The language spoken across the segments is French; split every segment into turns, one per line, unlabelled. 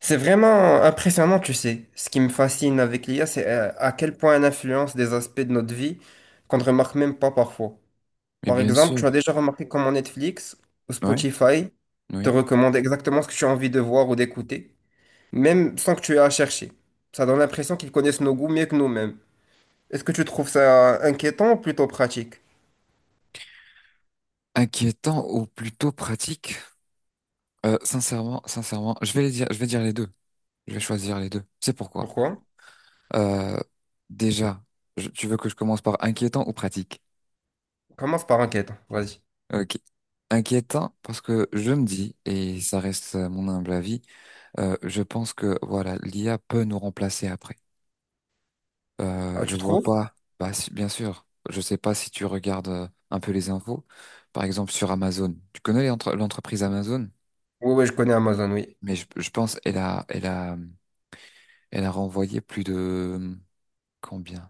C'est vraiment impressionnant, tu sais. Ce qui me fascine avec l'IA, c'est à quel point elle influence des aspects de notre vie qu'on ne remarque même pas parfois.
Mais
Par
bien
exemple,
sûr,
tu as déjà remarqué comment Netflix ou
ouais,
Spotify te
oui.
recommandent exactement ce que tu as envie de voir ou d'écouter, même sans que tu aies à chercher. Ça donne l'impression qu'ils connaissent nos goûts mieux que nous-mêmes. Est-ce que tu trouves ça inquiétant ou plutôt pratique?
Inquiétant ou plutôt pratique? Sincèrement, sincèrement, je vais les dire, je vais dire les deux. Je vais choisir les deux. C'est pourquoi.
Pourquoi?
Euh, déjà, tu veux que je commence par inquiétant ou pratique?
Commence par inquiétant, vas-y.
Ok. Inquiétant parce que je me dis, et ça reste mon humble avis, je pense que voilà, l'IA peut nous remplacer après.
Ah,
Je
tu
vois
trouves?
pas. Bah, bien sûr. Je sais pas si tu regardes un peu les infos. Par exemple, sur Amazon. Tu connais l'entreprise Amazon?
Oui, oui, je connais Amazon, oui.
Mais je pense elle a renvoyé plus de combien?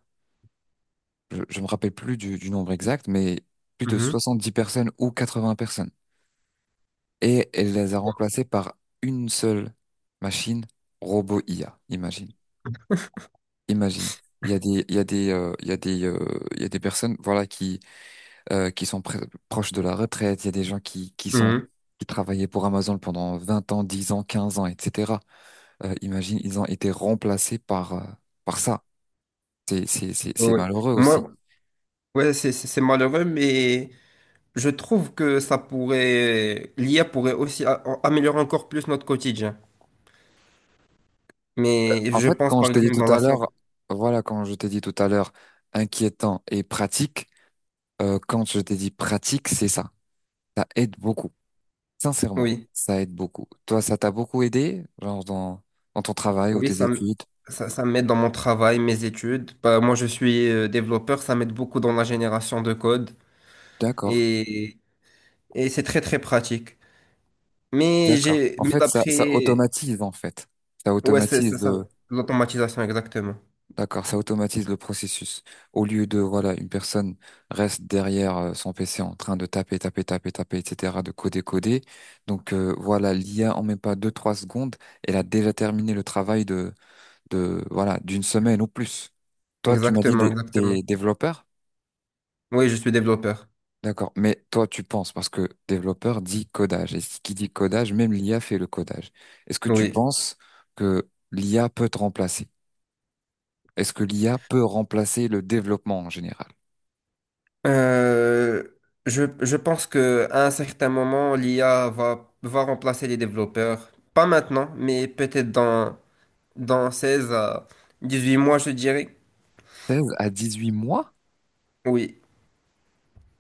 Je me rappelle plus du nombre exact, mais plus de
Mhm,
soixante dix personnes ou 80 personnes. Et elle les a remplacées par une seule machine robot IA. Imagine, imagine. Il y a des il y a des il y a des il y a des personnes voilà qui sont proches de la retraite. Il y a des gens qui sont
mhm,
qui travaillaient pour Amazon pendant 20 ans, 10 ans, 15 ans, etc. Imagine, ils ont été remplacés par par ça. C'est
oui, oui.
malheureux aussi.
Moi, ouais, c'est malheureux, mais je trouve que ça pourrait, l'IA pourrait aussi améliorer encore plus notre quotidien. Mais
En
je
fait,
pense
quand je
par
t'ai dit
exemple dans
tout
la
à l'heure,
santé.
voilà, quand je t'ai dit tout à l'heure, inquiétant et pratique, quand je t'ai dit pratique, c'est ça. Ça aide beaucoup. Sincèrement,
Oui,
ça aide beaucoup. Toi, ça t'a beaucoup aidé, dans ton travail ou
oui,
tes études.
ça, ça m'aide dans mon travail, mes études. Bah, moi, je suis développeur, ça m'aide beaucoup dans la génération de code
D'accord,
et, et c'est très très pratique. Mais
d'accord. En fait, ça automatise, en fait. Ça
ouais, c'est
automatise
ça, l'automatisation, exactement,
d'accord, ça automatise le processus. Au lieu de, voilà, une personne reste derrière son PC en train de taper, taper, taper, taper, etc., de coder, coder. Donc voilà, l'IA en met pas deux, trois secondes, elle a déjà terminé le travail de voilà, d'une semaine ou plus. Toi, tu m'as dit
exactement, exactement.
des développeurs?
Oui, je suis développeur.
D'accord, mais toi, tu penses, parce que développeur dit codage, et ce qui dit codage, même l'IA fait le codage. Est-ce que tu
Oui.
penses que l'IA peut te remplacer? Est-ce que l'IA peut remplacer le développement en général?
Euh, je pense que à un certain moment, l'IA va remplacer les développeurs. Pas maintenant, mais peut-être dans 16 à 18 mois, je dirais.
16 à 18 mois?
Oui,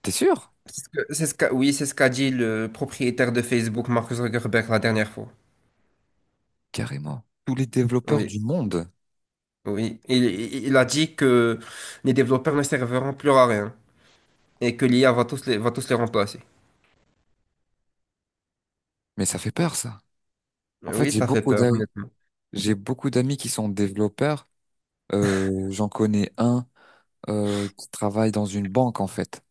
T'es sûr?
c'est ce que- c'est ce qu'a, oui, c'est ce qu'a dit le propriétaire de Facebook, Mark Zuckerberg, la dernière fois.
Carrément. Tous les développeurs
Oui,
du monde.
oui. Il a dit que les développeurs ne serviront plus à rien et que l'IA va tous les remplacer.
Mais ça fait peur, ça. En fait,
Oui, ça fait peur, honnêtement.
j'ai beaucoup d'amis qui sont développeurs. J'en connais un qui travaille dans une banque, en fait.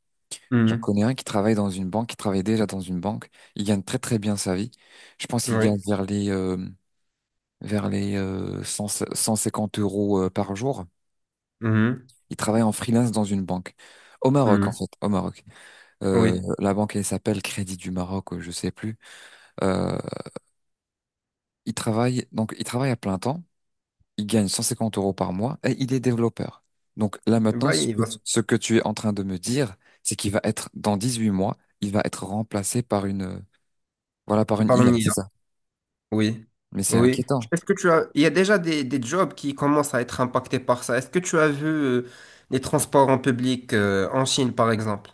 J'en
Mhm.
connais un qui travaille dans une banque, qui travaille déjà dans une banque. Il gagne très très bien sa vie. Je pense qu'il gagne
Oui.
vers les 100 150 euros par jour.
Mhm.
Il travaille en freelance dans une banque. Au Maroc, en
Mhm.
fait, au Maroc.
Oui.
Euh, la banque, elle s'appelle Crédit du Maroc, je sais plus. Euh, il travaille à plein temps, il gagne 150 euros par mois et il est développeur. Donc là maintenant,
Bah, il va,
ce que tu es en train de me dire, c'est qu'il va être dans 18 mois, il va être remplacé par une voilà par une
Par
IA,
une
c'est
IA,
ça.
oui.
Mais c'est
Oui.
inquiétant.
Est-ce que tu as... Il y a déjà des jobs qui commencent à être impactés par ça. Est-ce que tu as vu les transports en public en Chine, par exemple?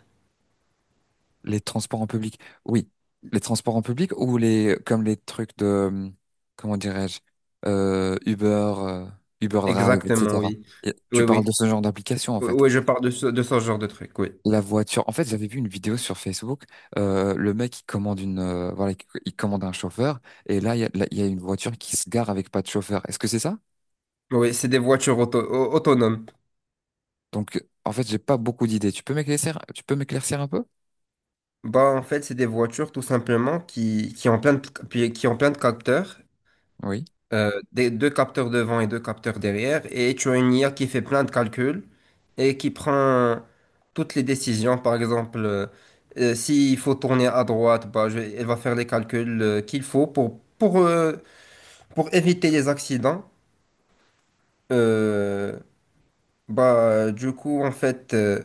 Les transports en public, oui, les transports en public ou les comme les trucs de comment dirais-je Uber, euh, Uber Drive,
Exactement,
etc.
oui.
Et tu
Oui,
parles
oui.
de ce genre d'application en
Oui,
fait.
oui, je parle de ce genre de truc, oui.
La voiture. En fait, j'avais vu une vidéo sur Facebook. Le mec, il commande une, voilà, il commande un chauffeur. Et là, là, il y a une voiture qui se gare avec pas de chauffeur. Est-ce que c'est ça?
Oui, c'est des voitures autonomes.
Donc, en fait, j'ai pas beaucoup d'idées. Tu peux m'éclaircir un peu?
Bah, en fait, c'est des voitures tout simplement qui ont qui ont plein de capteurs
Oui.
des deux capteurs devant et deux capteurs derrière, et tu as une IA qui fait plein de calculs et qui prend toutes les décisions. Par exemple, s'il faut tourner à droite, bah, elle va faire les calculs qu'il faut pour éviter les accidents. Euh, bah, du coup, en fait,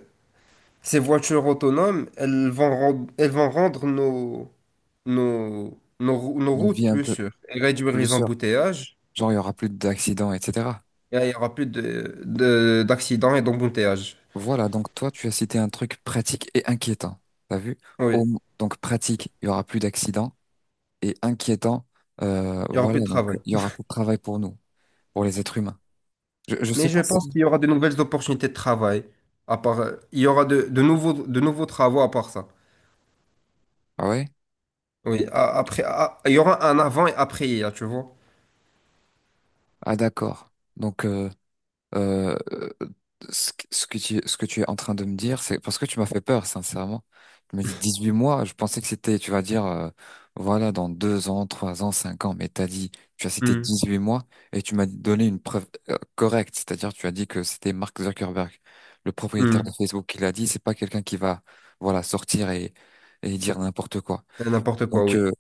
ces voitures autonomes, elles vont rendre nos
Une
routes
vie un
plus
peu
sûres et réduire
plus
les
sûre.
embouteillages.
Genre, il y aura plus d'accidents, etc.
Et là, il y aura plus d'accidents et d'embouteillages.
Voilà. Donc, toi, tu as cité un truc pratique et inquiétant. T'as vu?
Oui,
Au- donc, pratique, il y aura plus d'accidents. Et inquiétant,
il y aura
voilà.
plus de
Donc,
travail.
il y aura plus de travail pour nous, pour les êtres humains. Je
Mais
sais
je
pas
pense
si.
qu'il y aura de nouvelles opportunités de travail. À part, il y aura de nouveaux travaux à part ça.
Ah ouais.
Oui, il y aura un avant et après hier, tu vois.
Ah d'accord. Donc euh, euh, ce que tu es en train de me dire, c'est parce que tu m'as fait peur, sincèrement. Tu me dis 18 mois, je pensais que c'était, tu vas dire, voilà, dans 2 ans, 3 ans, 5 ans, mais t'as dit, tu as cité
Hmm,
18 mois et tu m'as donné une preuve correcte, c'est-à-dire tu as dit que c'était Mark Zuckerberg, le propriétaire
hmm.
de Facebook, qui l'a dit, c'est pas quelqu'un qui va, voilà, sortir et dire n'importe quoi.
N'importe quoi,
Donc
oui.
euh,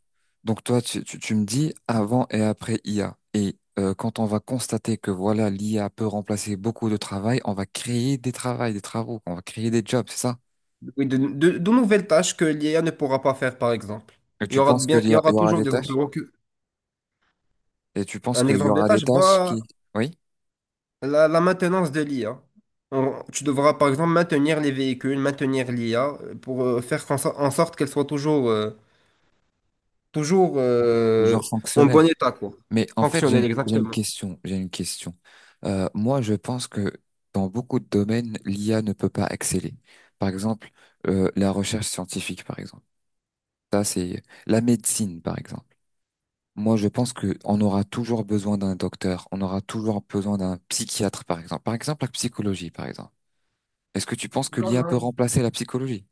donc toi, tu me dis avant et après IA. Et quand on va constater que voilà, l'IA peut remplacer beaucoup de travail, on va créer des travails, des travaux, on va créer des jobs, c'est ça?
Oui, de nouvelles tâches que l'IA ne pourra pas faire, par exemple.
Et
Il y
tu
aura
penses
bien, il y
il y
aura
aura
toujours
des
des
tâches?
emplois que,
Et tu penses
un
qu'il y
exemple des
aura des
tâches,
tâches
bah,
qui, oui,
la maintenance de l'IA. Tu devras par exemple maintenir les véhicules, maintenir l'IA pour faire qu'en en sorte qu'elle soit toujours, toujours euh,
toujours
en
fonctionnelles.
bon état, quoi.
Mais en fait,
Fonctionnelle,
j'ai une
exactement.
question, j'ai une question. Moi, je pense que dans beaucoup de domaines, l'IA ne peut pas exceller. Par exemple, la recherche scientifique, par exemple. Ça, c'est la médecine, par exemple. Moi, je pense que on aura toujours besoin d'un docteur, on aura toujours besoin d'un psychiatre, par exemple. Par exemple, la psychologie, par exemple. Est-ce que tu penses que
Non,
l'IA peut
non.
remplacer la psychologie?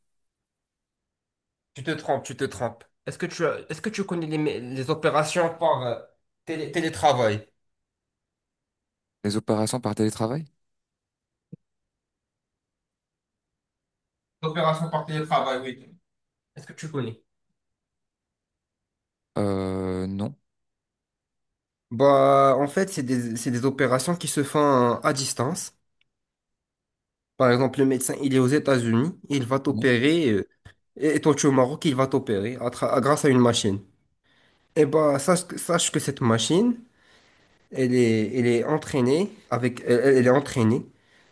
Tu te trompes, tu te trompes. Est-ce que tu connais les opérations par télétravail?
Les opérations par télétravail?
Opérations par télétravail, oui. Est-ce que tu connais?
Non.
Bah, en fait, c'est des opérations qui se font à distance. Par exemple, le médecin, il est aux États-Unis, il va
Non.
t'opérer, et toi, tu es au Maroc, il va t'opérer grâce à une machine. Eh ben, sache que cette machine, elle est entraînée avec, elle est entraînée.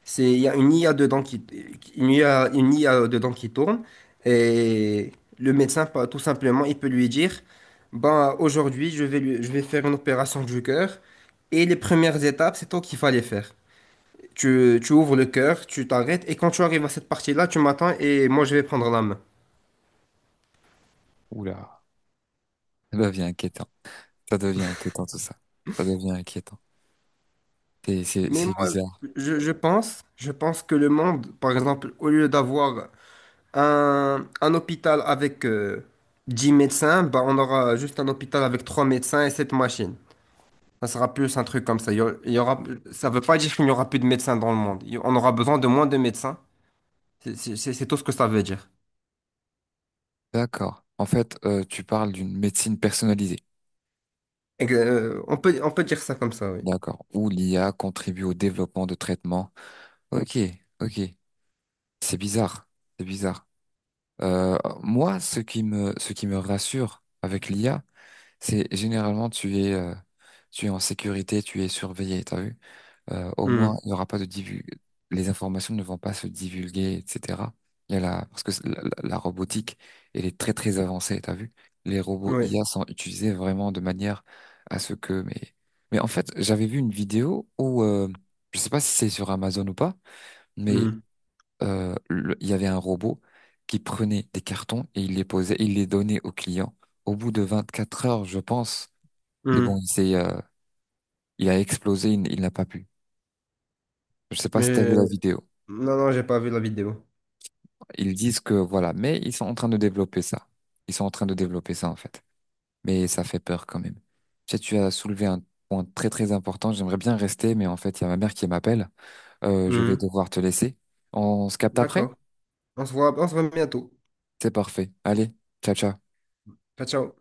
C'est, il y a une IA dedans qui, une IA dedans qui tourne, et le médecin, tout simplement, il peut lui dire, ben, aujourd'hui, je vais faire une opération du cœur, et les premières étapes, c'est toi qui vas les faire. Tu ouvres le cœur, tu t'arrêtes, et quand tu arrives à cette partie-là, tu m'attends et moi je vais prendre la main.
Oula. Ça devient inquiétant. Ça devient inquiétant, tout ça. Ça devient inquiétant.
Mais
C'est
moi,
bizarre.
je pense que le monde, par exemple, au lieu d'avoir un hôpital avec 10 médecins, bah, on aura juste un hôpital avec 3 médecins et 7 machines. Ça sera plus un truc comme ça. Ça veut pas dire qu'il n'y aura plus de médecins dans le monde. On aura besoin de moins de médecins. C'est tout ce que ça veut dire.
D'accord. En fait, tu parles d'une médecine personnalisée.
Et que, on peut dire ça comme ça, oui.
D'accord. Où l'IA contribue au développement de traitements. Ok, ok. C'est bizarre. C'est bizarre. Moi, ce qui me rassure avec l'IA, c'est généralement tu es en sécurité, tu es surveillé, t'as vu? Au moins,
Hmm.
il n'y aura pas de divulg... Les informations ne vont pas se divulguer, etc. Il y a la... Parce que la robotique, elle est très très avancée, t'as vu? Les robots
Oui.
IA sont utilisés vraiment de manière à ce que... mais en fait, j'avais vu une vidéo où, je sais pas si c'est sur Amazon ou pas, mais
Hmm.
il y avait un robot qui prenait des cartons et il les posait, il les donnait aux clients. Au bout de 24 heures, je pense, c'est bon,
Hmm.
il a explosé, il n'a pas pu. Je sais pas si tu as vu
Mais
la vidéo.
non, non, j'ai pas vu la vidéo.
Ils disent que voilà, mais ils sont en train de développer ça. Ils sont en train de développer ça en fait. Mais ça fait peur quand même. Tu sais, tu as soulevé un point très très important. J'aimerais bien rester, mais en fait, il y a ma mère qui m'appelle. Je vais
Mhm.
devoir te laisser. On se capte après?
D'accord. On se voit bientôt.
C'est parfait. Allez, ciao ciao.
Ciao, ciao.